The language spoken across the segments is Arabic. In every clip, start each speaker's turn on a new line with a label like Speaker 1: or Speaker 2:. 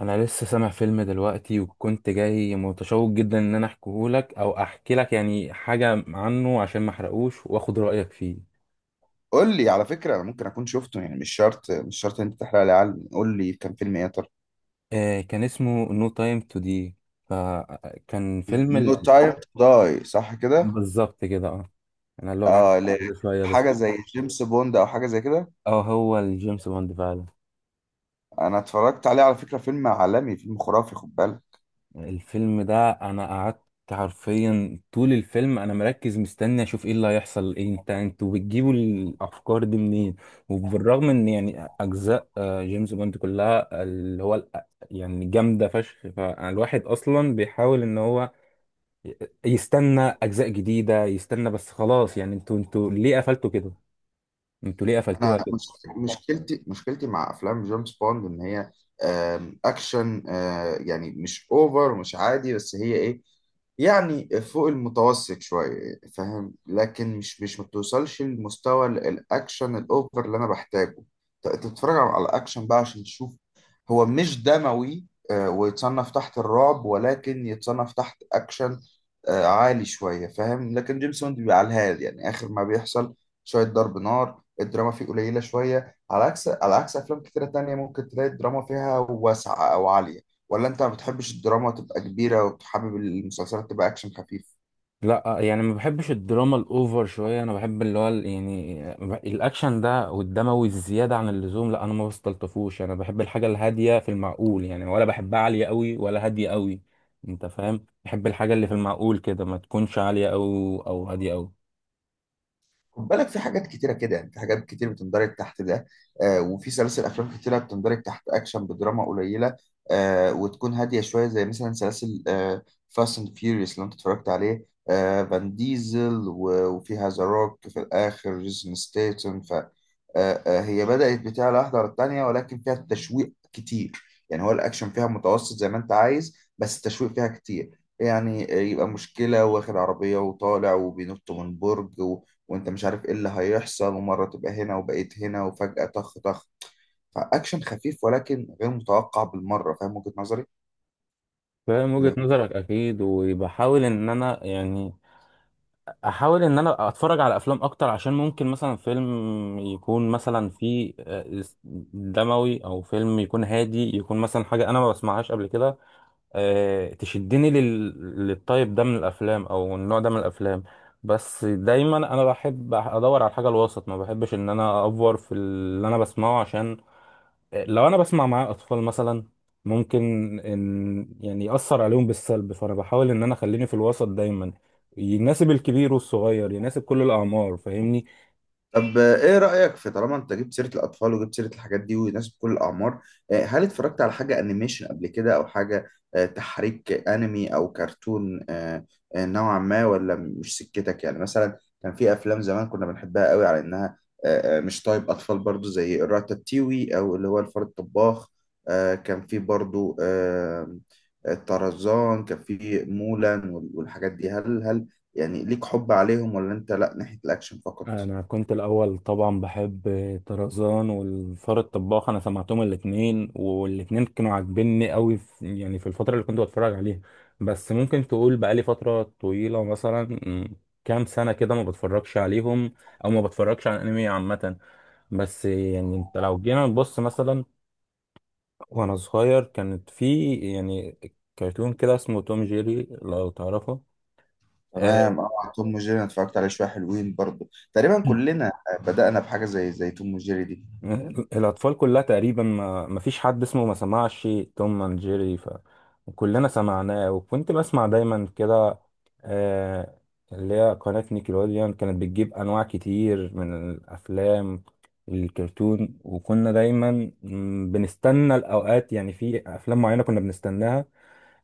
Speaker 1: انا لسه سامع فيلم دلوقتي وكنت جاي متشوق جدا ان انا احكيهولك او احكي لك يعني حاجه عنه عشان ما احرقوش واخد رايك فيه.
Speaker 2: قول لي على فكرة، أنا ممكن أكون شفته. يعني مش شرط، مش شرط إن أنت تحرق لي. علم قول لي كان فيلم إيه يا ترى.
Speaker 1: آه، كان اسمه نو تايم تو دي. فكان فيلم
Speaker 2: نو
Speaker 1: ال...
Speaker 2: تايم تو داي، صح كده؟
Speaker 1: آه، بالظبط كده، اه. انا اللغه عندي
Speaker 2: آه ل-
Speaker 1: شويه بس.
Speaker 2: حاجة زي جيمس بوند أو حاجة زي كده.
Speaker 1: اه، هو الجيمس بوند فعلا.
Speaker 2: أنا اتفرجت عليه على فكرة، فيلم عالمي، فيلم خرافي، خد بالك.
Speaker 1: الفيلم ده انا قعدت حرفيا طول الفيلم انا مركز مستني اشوف ايه اللي هيحصل. ايه انتوا بتجيبوا الافكار دي منين؟ وبالرغم ان يعني اجزاء جيمس بوند كلها اللي هو ال- يعني جامده فشخ، فالواحد اصلا بيحاول ان هو ي- يستنى اجزاء جديده، يستنى. بس خلاص يعني انتوا ليه قفلتوا كده؟ انتوا ليه قفلتوها
Speaker 2: انا
Speaker 1: كده؟
Speaker 2: مش- مشكلتي، مشكلتي مع افلام جيمس بوند ان هي اكشن، يعني مش اوفر ومش عادي، بس هي ايه؟ يعني فوق المتوسط شويه، فاهم؟ لكن مش ما بتوصلش لمستوى الاكشن الاوفر اللي انا بحتاجه. تتفرج على الاكشن بقى عشان تشوف. هو مش دموي، ويتصنف تحت الرعب، ولكن يتصنف تحت اكشن عالي شويه، فاهم؟ لكن جيمس بوند بيبقى على الهادي، يعني اخر ما بيحصل شويه ضرب نار. الدراما فيه قليلة شوية، على عكس، على عكس أفلام كتيرة تانية ممكن تلاقي الدراما فيها واسعة أو عالية. ولا أنت ما بتحبش الدراما تبقى كبيرة وتحبب المسلسلات تبقى أكشن خفيف؟
Speaker 1: لا يعني ما بحبش الدراما الاوفر شويه. انا بحب اللي هو ال- يعني الاكشن ده والدموي الزياده عن اللزوم لا، انا ما بستلطفوش. انا بحب الحاجه الهاديه في المعقول يعني، ولا بحبها عاليه قوي ولا هاديه قوي. انت فاهم؟ بحب الحاجه اللي في المعقول كده، ما تكونش عاليه قوي او هاديه قوي.
Speaker 2: خد بالك، في حاجات كتيرة كده، يعني في حاجات كتير بتندرج تحت ده. آه، وفي سلاسل أفلام كتيرة بتندرج تحت أكشن بدراما قليلة، آه، وتكون هادية شوية، زي مثلا سلاسل فاست أند فيوريوس اللي أنت اتفرجت عليه، آه، فان ديزل وفيها ذا روك، في الآخر جيسون ستيتون، ف آه آه هي بدأت بتاع واحدة على التانية، ولكن فيها تشويق كتير. يعني هو الأكشن فيها متوسط زي ما أنت عايز، بس التشويق فيها كتير، يعني، يبقى مشكلة واخد عربية وطالع وبينط من برج، وانت مش عارف ايه اللي هيحصل، ومرة تبقى هنا وبقيت هنا وفجأة طخ طخ. فأكشن خفيف ولكن غير متوقع بالمرة، فاهم وجهة نظري؟
Speaker 1: فاهم وجهه نظرك اكيد، وبحاول ان انا يعني احاول ان انا اتفرج على افلام اكتر. عشان ممكن مثلا فيلم يكون مثلا فيه دموي، او فيلم يكون هادي، يكون مثلا حاجه انا ما بسمعهاش قبل كده. تشدني لل... للطيب ده من الافلام او النوع ده من الافلام. بس دايما انا بحب ادور على الحاجه الوسط، ما بحبش ان انا افور في اللي انا بسمعه. عشان لو انا بسمع مع اطفال مثلا ممكن ان يعني ياثر عليهم بالسلب، فانا بحاول ان انا اخليني في الوسط دايما، يناسب الكبير والصغير، يناسب كل الاعمار، فاهمني؟
Speaker 2: طب، ايه رأيك في، طالما انت جبت سيرة الأطفال وجبت سيرة الحاجات دي وناس بكل الأعمار، هل اتفرجت على حاجة أنيميشن قبل كده، أو حاجة تحريك، أنمي أو كرتون نوعا ما، ولا مش سكتك؟ يعني مثلا كان في أفلام زمان كنا بنحبها قوي، على إنها مش طيب أطفال، برضو، زي الراتاتيوي، أو اللي هو الفار الطباخ. كان في برضو طرزان، كان في مولان، والحاجات دي. هل يعني ليك حب عليهم، ولا أنت لأ، ناحية الأكشن فقط؟
Speaker 1: انا كنت الاول طبعا بحب طرزان والفار الطباخ، انا سمعتهم الاثنين، والاثنين كانوا عاجبني قوي في يعني في الفتره اللي كنت بتفرج عليها. بس ممكن تقول بقالي فتره طويله مثلا، م، كام سنه كده ما بتفرجش عليهم، او ما بتفرجش على الانمي عامه. بس يعني انت لو جينا نبص مثلا، وانا صغير كانت في يعني كرتون كده اسمه توم جيري، لو تعرفه. آه،
Speaker 2: تمام، اه، توم وجيري، انا اتفرجت عليه شويه، حلوين برضه. تقريبا كلنا بدأنا بحاجه زي توم وجيري دي.
Speaker 1: مم. الأطفال كلها تقريبا ما فيش حد اسمه ما سمعش توم اند جيري، فكلنا سمعناه. وكنت بسمع دايما كده آه، اللي هي قناة نيكلوديان، كانت بتجيب أنواع كتير من الأفلام الكرتون. وكنا دايما بنستنى الأوقات، يعني في أفلام معينة كنا بنستناها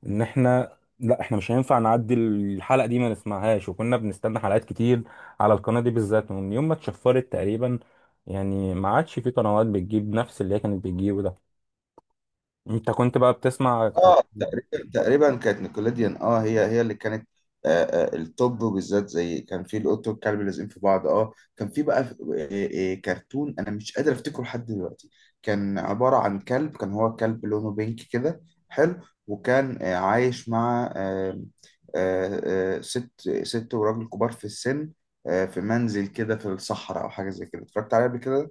Speaker 1: ان احنا لا، احنا مش هينفع نعدي الحلقه دي ما نسمعهاش. وكنا بنستنى حلقات كتير على القناه دي بالذات. ومن يوم ما اتشفرت تقريبا يعني ما عادش في قنوات بتجيب نفس اللي هي كانت بتجيبه ده. انت كنت بقى بتسمع طيب؟
Speaker 2: اه، تقريبا، تقريبا كانت نيكوليديان، اه، هي اللي كانت التوب. وبالذات زي كان في القط والكلب لازقين في بعض، اه، كان في بقى، كرتون انا مش قادر افتكره لحد دلوقتي. كان عبارة عن كلب، كان هو كلب لونه بينك كده، حلو، وكان عايش مع آه ست، ست وراجل كبار في السن، في منزل كده في الصحراء او حاجة زي كده. اتفرجت عليه قبل كده.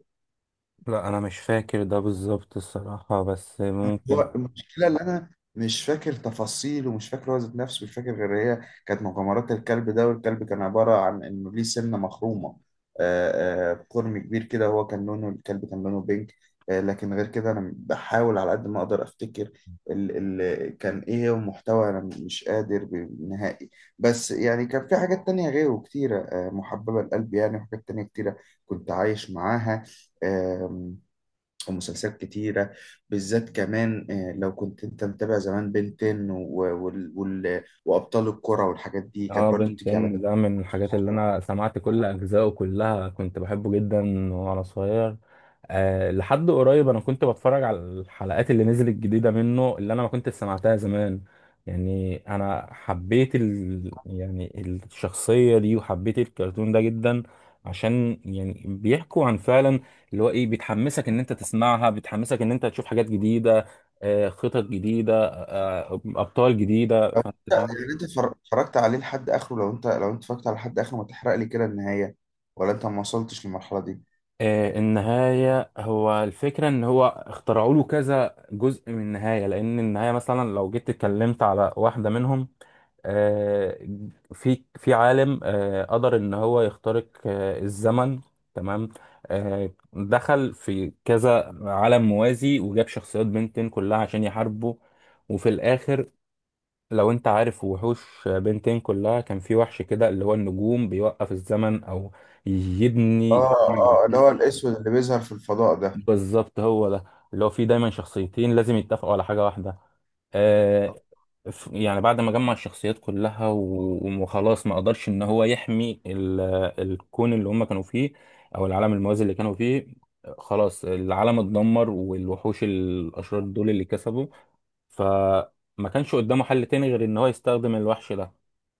Speaker 1: لا انا مش فاكر ده بالظبط الصراحه، بس ممكن.
Speaker 2: هو المشكلة، اللي أنا مش فاكر تفاصيل، ومش فاكر هو ذات نفسه، مش فاكر غير هي كانت مغامرات الكلب ده، والكلب كان عبارة عن إنه ليه سنة مخرومة، قرن كبير كده. هو كان لونه، الكلب كان لونه بينك، آه، لكن غير كده أنا بحاول على قد ما أقدر أفتكر ال كان إيه هو المحتوى. أنا مش قادر نهائي. بس يعني كان في حاجات تانية غيره كتيرة، محببة لقلبي يعني، وحاجات تانية كتيرة كنت عايش معاها، ومسلسلات كتيرة بالذات كمان. لو كنت انت متابع زمان، بنتين وابطال الكرة والحاجات دي كانت
Speaker 1: اه،
Speaker 2: برضو
Speaker 1: بنت
Speaker 2: بتيجي على
Speaker 1: ان ده من الحاجات اللي
Speaker 2: نيكلوديون.
Speaker 1: انا سمعت كل اجزائه كلها، كنت بحبه جدا وانا صغير. أه لحد قريب انا كنت بتفرج على الحلقات اللي نزلت جديدة منه، اللي انا ما كنت سمعتها زمان. يعني انا حبيت ال... يعني الشخصية دي، وحبيت الكرتون ده جدا. عشان يعني بيحكوا عن فعلا اللي هو ايه بتحمسك ان انت تسمعها، بتحمسك ان انت تشوف حاجات جديدة، خطط جديدة، ابطال جديدة،
Speaker 2: لو
Speaker 1: فانت
Speaker 2: انت
Speaker 1: فاهم.
Speaker 2: يعني انت اتفرجت عليه لحد اخره، لو انت، لو انت اتفرجت على لحد اخره، ما تحرق لي كده النهاية، ولا انت ما وصلتش للمرحلة دي؟
Speaker 1: آه، النهاية هو الفكرة إن هو اخترعوا له كذا جزء من النهاية. لأن النهاية مثلا لو جيت اتكلمت على واحدة منهم، آه، في عالم قدر إن هو يخترق الزمن. تمام، دخل في كذا عالم موازي وجاب شخصيات بنتين كلها عشان يحاربوا. وفي الآخر، لو أنت عارف وحوش بنتين كلها، كان في وحش كده اللي هو النجوم بيوقف الزمن أو
Speaker 2: اه،
Speaker 1: يبني.
Speaker 2: اه، اللي هو الاسود اللي بيظهر في الفضاء ده.
Speaker 1: بالظبط هو ده، اللي هو فيه دايما شخصيتين لازم يتفقوا على حاجة واحدة. آه، يعني بعد ما جمع الشخصيات كلها وخلاص ما قدرش ان هو يحمي ال- الكون اللي هم كانوا فيه، او العالم الموازي اللي كانوا فيه. خلاص العالم اتدمر، والوحوش الاشرار دول اللي كسبوا، فما كانش قدامه حل تاني غير ان هو يستخدم الوحش ده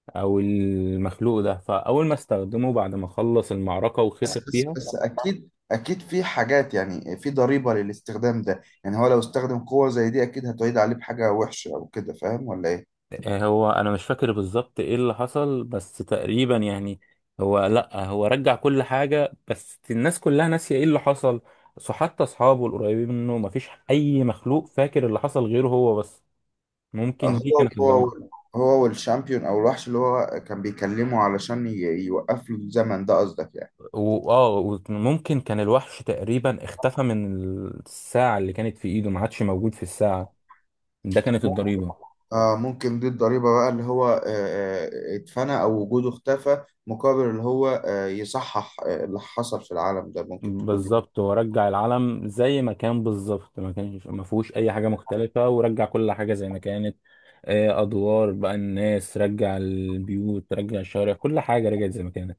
Speaker 1: او المخلوق ده. فاول ما استخدمه بعد ما خلص المعركة
Speaker 2: بس
Speaker 1: وخسر
Speaker 2: بس
Speaker 1: فيها،
Speaker 2: بس، اكيد اكيد في حاجات، يعني في ضريبة للاستخدام ده، يعني هو لو استخدم قوة زي دي اكيد هتعيد عليه بحاجة وحشة او كده، فاهم ولا ايه؟
Speaker 1: آه، هو انا مش فاكر بالظبط ايه اللي حصل، بس تقريبا يعني هو لا، هو رجع كل حاجة، بس الناس كلها ناسية ايه اللي حصل. سو حتى اصحابه القريبين منه مفيش اي مخلوق فاكر اللي حصل غيره هو بس. ممكن دي
Speaker 2: هو
Speaker 1: كانت
Speaker 2: هو
Speaker 1: الضريبة.
Speaker 2: هو والشامبيون، او الوحش اللي هو كان بيكلمه علشان يوقف له الزمن ده، قصدك يعني؟
Speaker 1: واه، وممكن كان الوحش تقريبا اختفى من الساعة اللي كانت في ايده، ما عادش موجود في الساعة، ده كانت
Speaker 2: مم-
Speaker 1: الضريبة.
Speaker 2: آه، ممكن دي الضريبة بقى، اللي هو، اتفنى او وجوده اختفى، مقابل اللي هو، يصحح، اللي حصل في العالم ده. ممكن تكون دي.
Speaker 1: بالظبط، ورجع العلم زي ما كان بالظبط، ما كانش ما فيهوش اي حاجه مختلفه، ورجع كل حاجه زي ما كانت. ادوار بقى الناس، رجع البيوت، رجع الشوارع، كل حاجه رجعت زي ما كانت.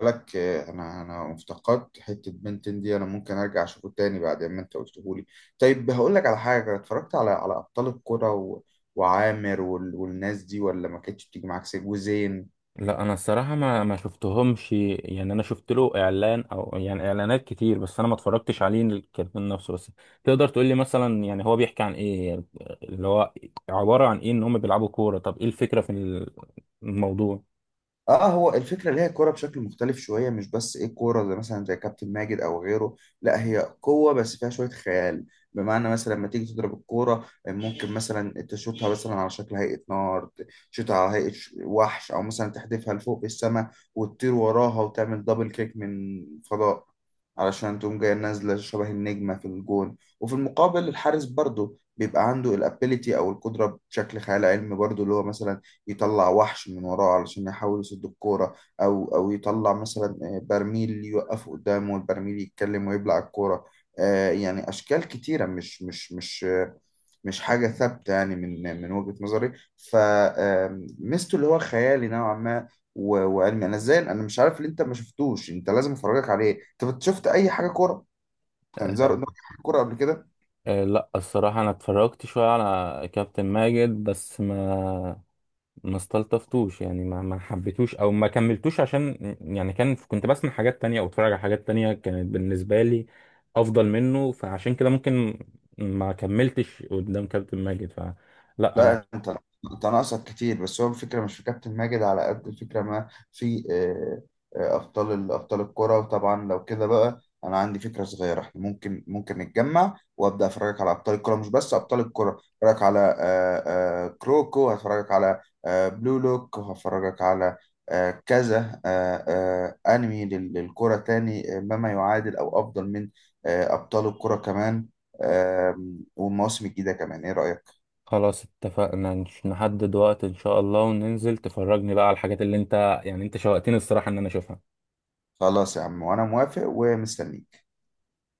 Speaker 2: بالنسبة لك، انا، انا افتقدت حتة بنتين دي، انا ممكن ارجع اشوفه تاني بعد ما انت قلته لي. طيب هقول لك على حاجة، اتفرجت على، على ابطال الكرة وعامر والناس دي، ولا ما كانتش بتيجي معاك سكة وزين؟
Speaker 1: لا انا الصراحه ما شفتهمش، يعني انا شفت له اعلان او يعني اعلانات كتير، بس انا ما اتفرجتش عليه الكرتون نفسه. بس تقدر تقول لي مثلا يعني هو بيحكي عن ايه؟ اللي هو عباره عن ايه ان هم بيلعبوا كوره؟ طب ايه الفكره في الموضوع؟
Speaker 2: اه، هو الفكره اللي هي كوره بشكل مختلف شويه. مش بس ايه كوره زي مثلا زي كابتن ماجد او غيره، لا، هي قوه بس فيها شويه خيال. بمعنى مثلا، لما تيجي تضرب الكوره ممكن مثلا تشوطها مثلا على شكل هيئه نار، تشوطها على هيئه وحش، او مثلا تحدفها لفوق في السماء وتطير وراها وتعمل دبل كيك من فضاء علشان تقوم جايه نازله شبه النجمه في الجون. وفي المقابل الحارس برضه بيبقى عنده الابيليتي او القدره بشكل خيال علمي برضه، اللي هو مثلا يطلع وحش من وراه علشان يحاول يصد الكورة، أو يطلع مثلا برميل يوقفه قدامه، والبرميل يتكلم ويبلع الكورة. يعني أشكال كتيرة، مش حاجة ثابتة يعني، من وجهة نظري. فميزته اللي هو خيالي نوعا ما، وعلمي. أنا إزاي، أنا مش عارف اللي أنت ما شفتوش، أنت لازم أفرجك عليه. أنت شفت أي حاجة كورة يعني زهر
Speaker 1: آه.
Speaker 2: قدامك، حاجة كورة قبل كده؟
Speaker 1: آه، لا الصراحة أنا اتفرجت شوية على كابتن ماجد، بس ما استلطفتوش، يعني ما حبيتوش أو ما كملتوش. عشان يعني كنت بسمع حاجات تانية أو اتفرج على حاجات تانية كانت بالنسبة لي أفضل منه، فعشان كده ممكن ما كملتش قدام كابتن ماجد، فلا أنا.
Speaker 2: لا انت ناقصك كتير، بس هو الفكره مش في كابتن ماجد على قد الفكره ما في، ابطال ابطال الكره. وطبعا لو كده بقى انا عندي فكره صغيره، احنا ممكن، ممكن نتجمع وابدا افرجك على ابطال الكره. مش بس ابطال الكره، افرجك على، كروكو، هفرجك على بلو لوك، وهفرجك على كذا انمي للكره تاني، ما يعادل او افضل من ابطال الكره كمان، آه، والمواسم الجديده كمان، ايه رايك؟
Speaker 1: خلاص اتفقنا، نحدد وقت إن شاء الله، وننزل تفرجني بقى على الحاجات اللي أنت يعني أنت شوقتني الصراحة إن أنا أشوفها.
Speaker 2: خلاص يا عم، وانا موافق ومستنيك.